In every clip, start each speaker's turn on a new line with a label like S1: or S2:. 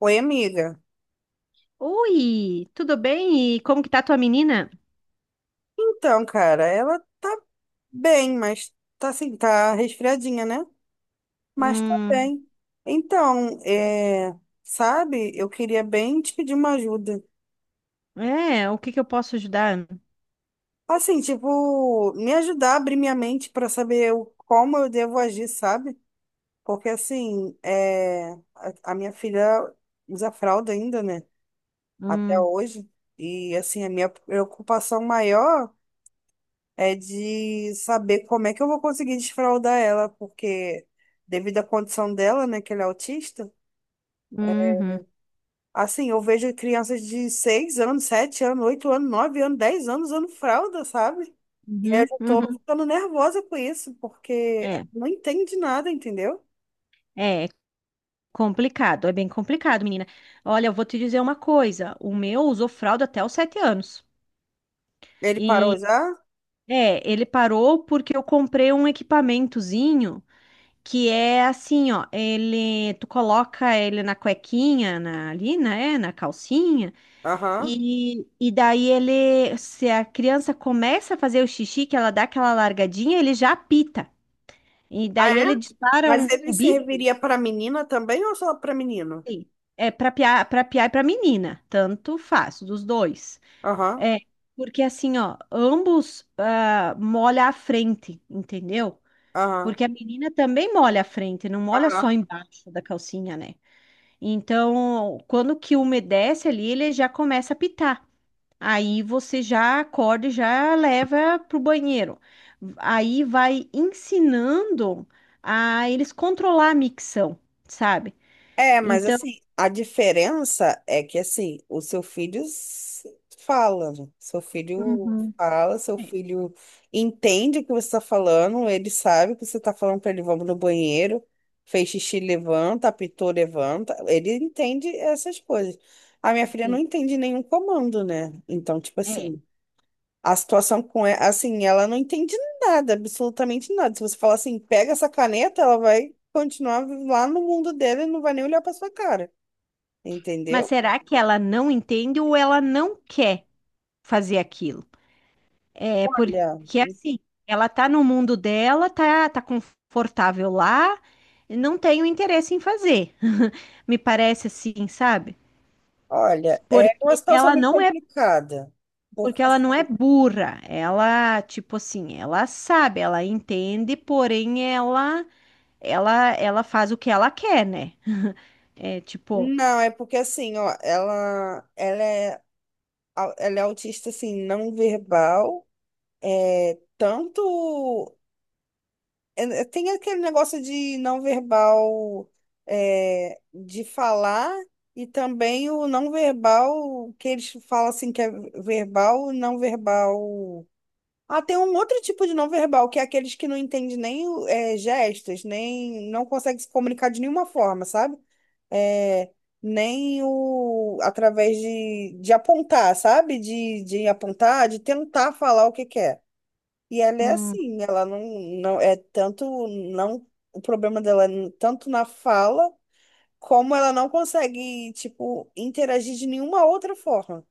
S1: Oi, amiga.
S2: Oi, tudo bem? E como que tá tua menina?
S1: Então, cara, ela tá bem, mas tá assim, tá resfriadinha, né? Mas tá
S2: Hum,
S1: bem. Então, sabe, eu queria bem te pedir uma ajuda.
S2: é, o que que eu posso ajudar?
S1: Assim, tipo, me ajudar a abrir minha mente pra saber como eu devo agir, sabe? Porque assim, é, a minha filha usa fralda ainda, né? Até
S2: Hum,
S1: hoje. E assim, a minha preocupação maior é de saber como é que eu vou conseguir desfraldar ela, porque devido à condição dela, né, que ela é autista,
S2: uhum,
S1: assim, eu vejo crianças de 6 anos, 7 anos, 8 anos, 9 anos, 10 anos usando fralda, sabe? E aí eu
S2: uhum,
S1: já tô
S2: uhum.
S1: ficando nervosa com isso, porque
S2: É,
S1: não entende nada, entendeu?
S2: é complicado, é bem complicado, menina. Olha, eu vou te dizer uma coisa, o meu usou fralda até os 7 anos.
S1: Ele parou
S2: E,
S1: já?
S2: é, ele parou porque eu comprei um equipamentozinho. Que é assim, ó, ele, tu coloca ele na cuequinha, na, ali, né, na calcinha,
S1: Aham.
S2: e daí ele, se a criança começa a fazer o xixi, que ela dá aquela largadinha, ele já apita. E
S1: Ah,
S2: daí
S1: é?
S2: ele dispara
S1: Mas
S2: um
S1: ele
S2: um bip,
S1: serviria para menina também ou só para menino?
S2: sim, é para piar e para menina, tanto faz, dos dois.
S1: Aham,
S2: É, porque assim, ó, ambos ah, molha a frente, entendeu?
S1: aham,
S2: Porque a menina também molha a frente, não molha só
S1: aham.
S2: embaixo da calcinha, né? Então, quando que umedece ali, ele já começa a pitar. Aí você já acorda e já leva para o banheiro. Aí vai ensinando a eles controlar a micção, sabe?
S1: É, mas
S2: Então,
S1: assim, a diferença é que assim, o seu filho fala, né? Seu filho
S2: uhum.
S1: fala, seu
S2: É.
S1: filho entende o que você está falando, ele sabe que você está falando para ele, vamos no banheiro, fez xixi, levanta, apitou, levanta. Ele entende essas coisas. A minha filha não
S2: Sim.
S1: entende nenhum comando, né? Então, tipo
S2: É.
S1: assim. A situação com ela, assim, ela não entende nada, absolutamente nada. Se você falar assim, pega essa caneta, ela vai continuar lá no mundo dela e não vai nem olhar para sua cara,
S2: Mas
S1: entendeu?
S2: será que ela não entende ou ela não quer fazer aquilo? É
S1: Olha,
S2: porque assim, ela tá no mundo dela, tá, tá confortável lá, e não tem o interesse em fazer. Me parece assim, sabe?
S1: olha, é uma
S2: Porque
S1: situação
S2: ela
S1: meio
S2: não é,
S1: complicada. Porque
S2: porque ela não é
S1: assim,
S2: burra. Ela, tipo assim, ela sabe, ela entende, porém ela faz o que ela quer, né? É tipo,
S1: não, é porque assim, ó, ela é autista assim, não verbal, é tanto tem aquele negócio de não verbal, de falar, e também o não verbal, que eles falam assim que é verbal, não verbal. Ah, tem um outro tipo de não verbal, que é aqueles que não entendem nem gestos, nem não conseguem se comunicar de nenhuma forma, sabe? É, nem o através de apontar, sabe? De apontar, de tentar falar o que quer. E ela é
S2: hum,
S1: assim, ela não é tanto não, o problema dela é tanto na fala como ela não consegue tipo interagir de nenhuma outra forma.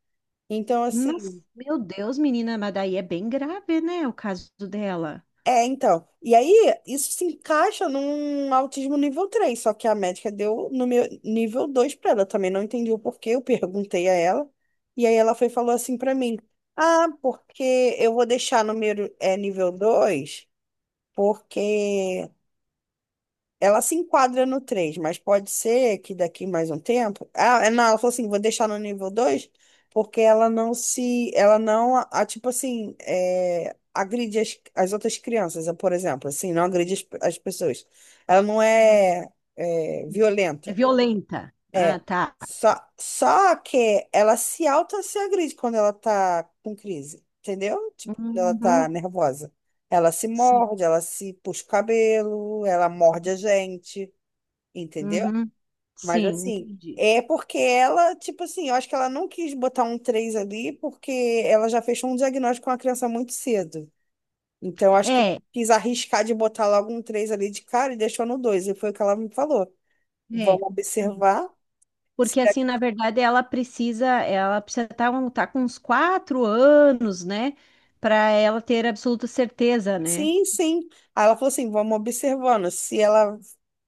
S1: Então
S2: mas
S1: assim,
S2: meu Deus, menina, mas daí é bem grave, né, o caso dela.
S1: então. E aí isso se encaixa num autismo nível três, só que a médica deu no meu nível 2 para ela, eu também não entendi o porquê, eu perguntei a ela. E aí ela foi e falou assim para mim: "Ah, porque eu vou deixar no meu é nível 2 porque ela se enquadra no três, mas pode ser que daqui mais um tempo. Ah, é, não, ela falou assim: vou deixar no nível 2 porque ela não se. Ela não, tipo assim, é, agride as outras crianças, eh, por exemplo, assim, não agride as pessoas. Ela não é, é
S2: É
S1: violenta.
S2: violenta. Ah,
S1: É.
S2: tá.
S1: Só que ela se auto se agride quando ela tá com crise, entendeu? Tipo, quando ela tá
S2: Uhum,
S1: nervosa. Ela se
S2: sim.
S1: morde, ela se puxa o cabelo, ela morde a gente. Entendeu?
S2: Uhum,
S1: Mas
S2: sim,
S1: assim,
S2: entendi.
S1: é porque ela, tipo assim, eu acho que ela não quis botar um 3 ali porque ela já fechou um diagnóstico com a criança muito cedo. Então, eu acho que ela
S2: É,
S1: quis arriscar de botar logo um 3 ali de cara e deixou no dois. E foi o que ela me falou.
S2: é.
S1: Vamos observar.
S2: Isso.
S1: Se
S2: Porque
S1: da-
S2: assim, na verdade, ela precisa estar com uns 4 anos, né? Para ela ter absoluta certeza, né?
S1: Sim, sim. Aí ela falou assim, vamos observando. Se ela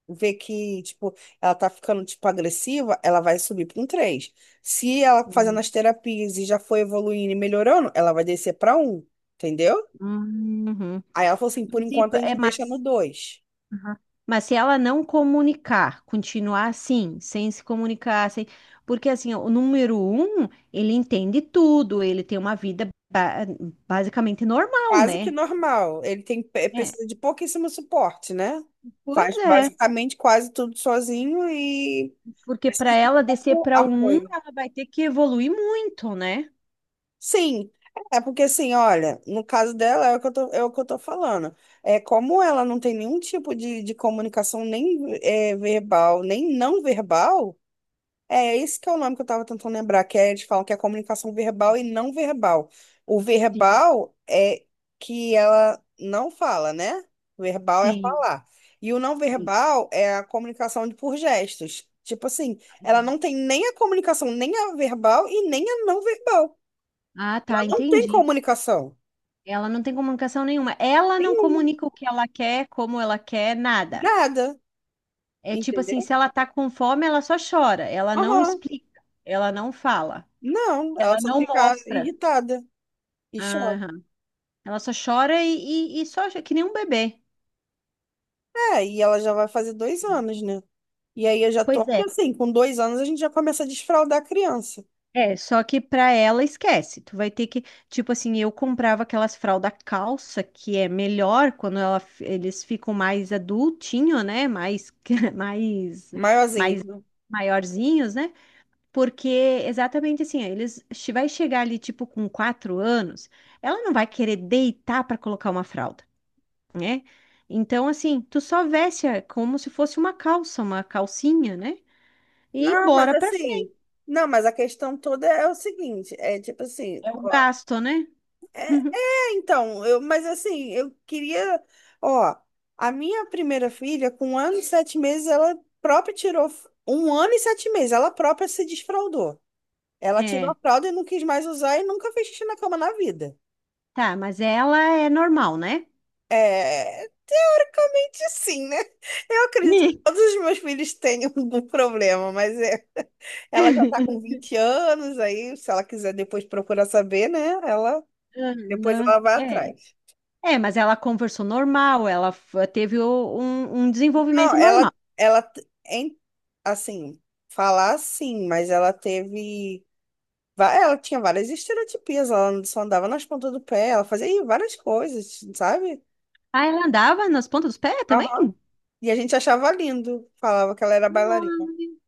S1: vê que, tipo, ela tá ficando, tipo, agressiva, ela vai subir para um três. Se ela fazendo
S2: Hum.
S1: as terapias e já foi evoluindo e melhorando, ela vai descer para um. Entendeu?
S2: Uhum.
S1: Aí ela falou assim, por
S2: Mas, e-
S1: enquanto a
S2: é,
S1: gente deixa no
S2: mas,
S1: dois.
S2: uhum, mas se ela não comunicar, continuar assim, sem se comunicar, sem, porque assim, ó, o número um, ele entende tudo, ele tem uma vida basicamente normal,
S1: Quase que
S2: né?
S1: normal. Ele tem, eh,
S2: É.
S1: precisa de pouquíssimo suporte, né?
S2: Pois
S1: Faz
S2: é,
S1: basicamente quase tudo sozinho e
S2: porque para
S1: precisa de
S2: ela descer
S1: pouco
S2: para um,
S1: apoio.
S2: ela vai ter que evoluir muito, né?
S1: Sim, é porque assim, olha, no caso dela é o que eu tô, é o que eu tô falando. É como ela não tem nenhum tipo de comunicação nem eh, verbal, nem não verbal. É, esse que é o nome que eu estava tentando lembrar, que é, eles falam que é comunicação verbal e não verbal. O verbal é que ela não fala, né? Verbal é
S2: Sim,
S1: falar. E o não
S2: isso.
S1: verbal é a comunicação por gestos. Tipo assim, ela não tem nem a comunicação, nem a verbal e nem a não verbal.
S2: Ah,
S1: Ela
S2: tá,
S1: não tem
S2: entendi.
S1: comunicação.
S2: Ela não tem comunicação nenhuma. Ela não
S1: Nenhuma.
S2: comunica o que ela quer, como ela quer, nada.
S1: Nada.
S2: É tipo assim,
S1: Entendeu?
S2: se ela tá com fome, ela só chora. Ela não
S1: Aham.
S2: explica, ela não fala,
S1: Não, ela
S2: ela
S1: só
S2: não
S1: fica
S2: mostra.
S1: irritada e chora.
S2: Aham. Ela só chora e só que nem um bebê.
S1: É, e ela já vai fazer 2 anos, né? E aí eu já tô,
S2: Pois é.
S1: porque assim, com 2 anos a gente já começa a desfraldar a criança,
S2: É, só que pra ela esquece. Tu vai ter que, tipo assim, eu comprava aquelas fralda calça que é melhor quando ela, eles ficam mais adultinho, né? Mais, mais,
S1: maiorzinho,
S2: mais
S1: né?
S2: maiorzinhos, né? Porque exatamente assim, ó, eles vai chegar ali tipo com 4 anos, ela não vai querer deitar pra colocar uma fralda, né? Então assim, tu só veste é, como se fosse uma calça, uma calcinha, né? E
S1: Não, mas
S2: bora pra
S1: assim, não, mas a questão toda é o seguinte, é tipo assim,
S2: é o
S1: ó,
S2: gasto, né?
S1: então, eu, mas assim, eu queria, ó, a minha primeira filha, com 1 ano e 7 meses, ela própria tirou, 1 ano e 7 meses, ela própria se desfraldou. Ela tirou a
S2: É.
S1: fralda e não quis mais usar e nunca fez xixi na cama na vida.
S2: Tá, mas ela é normal, né?
S1: É, basicamente sim, né? Eu acredito que
S2: Ih,
S1: todos os meus filhos tenham algum problema, mas é, ela já tá com 20 anos, aí se ela quiser depois procurar saber, né? Ela depois
S2: aham,
S1: ela vai
S2: é.
S1: atrás.
S2: É, mas ela conversou normal, ela teve um, um
S1: Não,
S2: desenvolvimento
S1: ela
S2: normal.
S1: ela t- em- assim, falar sim, mas ela teve ela tinha várias estereotipias, ela só andava nas pontas do pé, ela fazia ih, várias coisas, sabe?
S2: Ah, ela andava nas pontas dos pés também?
S1: Aham. E a gente achava lindo, falava que ela era bailarina.
S2: Ai,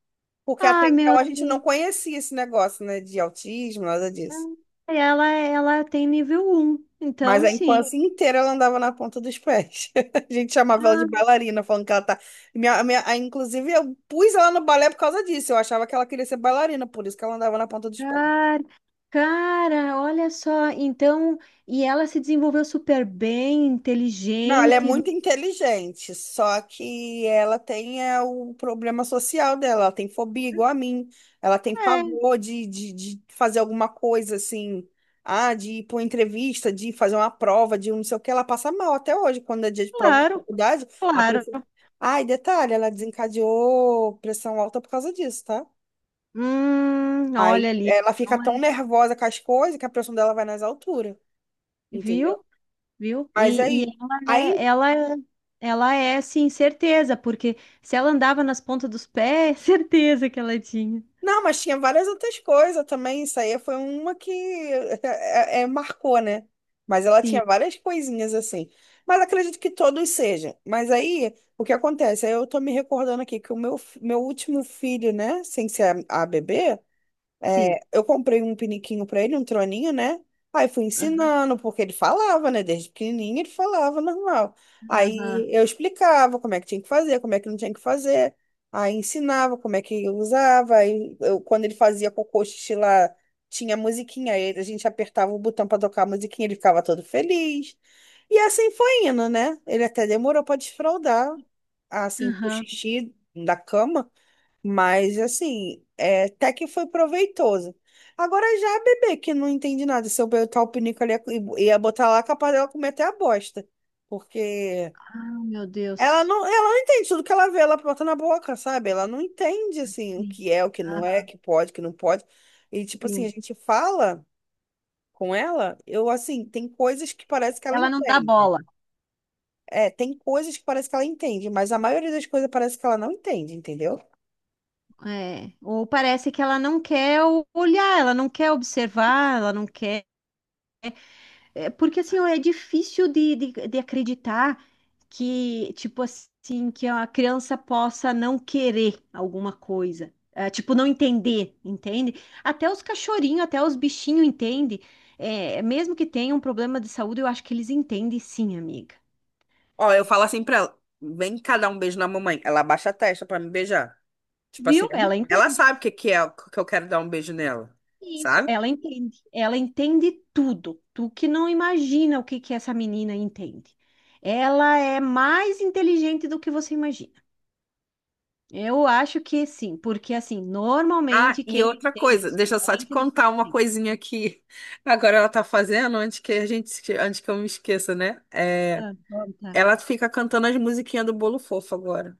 S1: Porque até
S2: ai,
S1: então
S2: meu
S1: a gente não
S2: Deus.
S1: conhecia esse negócio, né, de autismo, nada disso.
S2: Ai, ela tem nível um
S1: Mas
S2: então
S1: a
S2: sim.
S1: infância inteira ela andava na ponta dos pés. A gente chamava ela de
S2: Ah,
S1: bailarina, falando que ela tá. Inclusive, eu pus ela no balé por causa disso. Eu achava que ela queria ser bailarina, por isso que ela andava na ponta dos pés.
S2: cara, cara, olha só. Então, e ela se desenvolveu super bem,
S1: Não, ela é
S2: inteligente.
S1: muito inteligente, só que ela tem é, o problema social dela, ela tem fobia igual a mim, ela tem
S2: É,
S1: pavor de fazer alguma coisa assim, ah, de ir para uma entrevista, de fazer uma prova, de um não sei o que, ela passa mal até hoje, quando é dia de prova de
S2: claro,
S1: faculdade, a
S2: claro.
S1: pressão. Ai, detalhe, ela desencadeou pressão alta por causa disso, tá?
S2: Olha
S1: Aí
S2: ali,
S1: ela fica
S2: então
S1: tão
S2: é-
S1: nervosa com as coisas que a pressão dela vai nas alturas, entendeu?
S2: viu? Viu?
S1: Mas
S2: E
S1: aí.
S2: ela é,
S1: Aí
S2: ela é, ela é, sim, certeza, porque se ela andava nas pontas dos pés, certeza que ela tinha.
S1: não, mas tinha várias outras coisas também. Isso aí foi uma que é, é, marcou, né? Mas ela
S2: Sim,
S1: tinha várias coisinhas assim. Mas acredito que todos sejam. Mas aí, o que acontece? Aí eu tô me recordando aqui que o meu, meu último filho, né? Sem ser a bebê, é,
S2: sim.
S1: eu comprei um piniquinho pra ele, um troninho, né? Aí fui ensinando, porque ele falava, né? Desde pequenininho ele falava normal.
S2: Aham,
S1: Aí eu explicava como é que tinha que fazer, como é que não tinha que fazer. Aí ensinava como é que usava. Aí eu, quando ele fazia cocô, xixi lá, tinha musiquinha. Aí a gente apertava o botão pra tocar a musiquinha, ele ficava todo feliz. E assim foi indo, né? Ele até demorou pra desfraldar, assim, pro
S2: aham.
S1: xixi da cama. Mas assim, é, até que foi proveitoso. Agora já a bebê, que não entende nada, se eu botar o pinico ali, e ia botar lá, capaz dela comer até a bosta. Porque
S2: Ah, meu Deus.
S1: ela não entende tudo que ela vê, ela bota na boca, sabe? Ela não entende, assim, o
S2: Assim.
S1: que é, o que não é, o
S2: Aham,
S1: que pode, o que não pode. E, tipo assim,
S2: sim.
S1: a gente fala com ela, eu, assim, tem coisas que parece que ela
S2: Ela não dá
S1: entende.
S2: bola.
S1: É, tem coisas que parece que ela entende, mas a maioria das coisas parece que ela não entende, entendeu?
S2: É. Ou parece que ela não quer olhar, ela não quer observar, ela não quer. É porque assim, ó, é difícil de acreditar que, tipo assim, que a criança possa não querer alguma coisa. É, tipo, não entender, entende? Até os cachorrinhos, até os bichinhos entendem. É, mesmo que tenham um problema de saúde, eu acho que eles entendem sim, amiga.
S1: Ó, eu falo assim pra ela, vem cá dar um beijo na mamãe. Ela abaixa a testa pra me beijar. Tipo assim,
S2: Viu? Ela
S1: ela
S2: entende
S1: sabe que é que eu quero dar um beijo nela,
S2: isso,
S1: sabe?
S2: ela entende. Ela entende tudo. Tu que não imagina o que que essa menina entende. Ela é mais inteligente do que você imagina. Eu acho que sim, porque assim,
S1: Ah,
S2: normalmente
S1: e
S2: quem
S1: outra
S2: tem
S1: coisa,
S2: isso
S1: deixa eu só
S2: é
S1: te
S2: inteligente.
S1: contar uma coisinha que agora ela tá fazendo, antes que a gente, antes que eu me esqueça, né? É,
S2: Ah, bom, tá.
S1: ela fica cantando as musiquinhas do Bolo Fofo agora.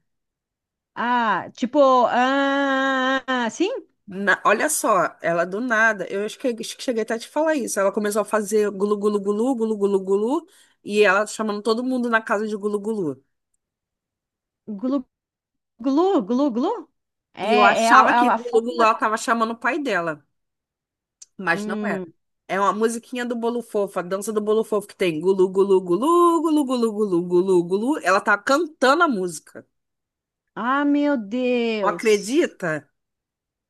S2: Ah, tipo, ah, ah, sim,
S1: Olha só, ela do nada, eu acho que cheguei até a te falar isso. Ela começou a fazer gulu gulu gulu, gulu gulu gulu, e ela chamando todo mundo na casa de gulu gulu.
S2: glu, glu, glu, glu.
S1: E eu
S2: É, é, a,
S1: achava que
S2: a
S1: gulu gulu
S2: forma.
S1: ela tava chamando o pai dela. Mas não era.
S2: Hum.
S1: É uma musiquinha do Bolo Fofo, a dança do Bolo Fofo que tem gulu, gulu, gulu, gulu, gulu, gulu, gulu, gulu. Ela tá cantando a música.
S2: Ah, meu
S1: Não
S2: Deus.
S1: acredita?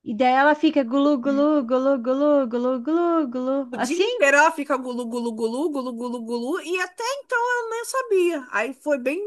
S2: E daí ela fica glu, glu, glu, glu, glu, glu, glu.
S1: O dia
S2: Assim?
S1: inteiro ela fica gulu, gulu, gulu, gulu, gulu, gulu, e até então eu nem sabia. Aí foi bem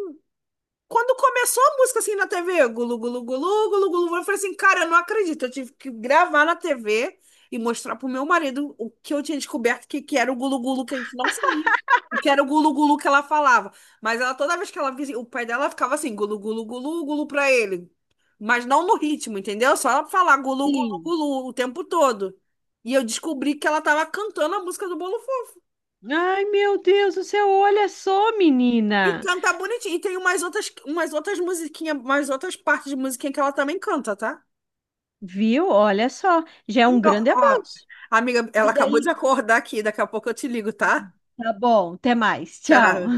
S1: quando começou a música assim na TV, gulu, gulu, gulu, gulu, gulu, eu falei assim, cara, eu não acredito. Eu tive que gravar na TV e mostrar pro meu marido o que eu tinha descoberto, que era o gulu, gulu, que a gente não sabia. O que era o gulu, gulu que ela falava. Mas ela, toda vez que ela via, o pai dela ficava assim, gulu, gulu, gulu, gulu pra ele. Mas não no ritmo, entendeu? Só ela falar gulu, gulu,
S2: Sim.
S1: gulu o tempo todo. E eu descobri que ela tava cantando a música do Bolo.
S2: Ai, meu Deus do céu, olha só,
S1: E
S2: menina.
S1: canta bonitinho. E tem umas outras musiquinhas, umas outras partes de musiquinha que ela também canta, tá?
S2: Viu? Olha só, já é um
S1: Então,
S2: grande
S1: ó,
S2: avanço.
S1: amiga, ela
S2: E
S1: acabou de
S2: daí
S1: acordar aqui. Daqui a pouco eu te ligo, tá?
S2: tá bom, até mais. Tchau.
S1: Tchau.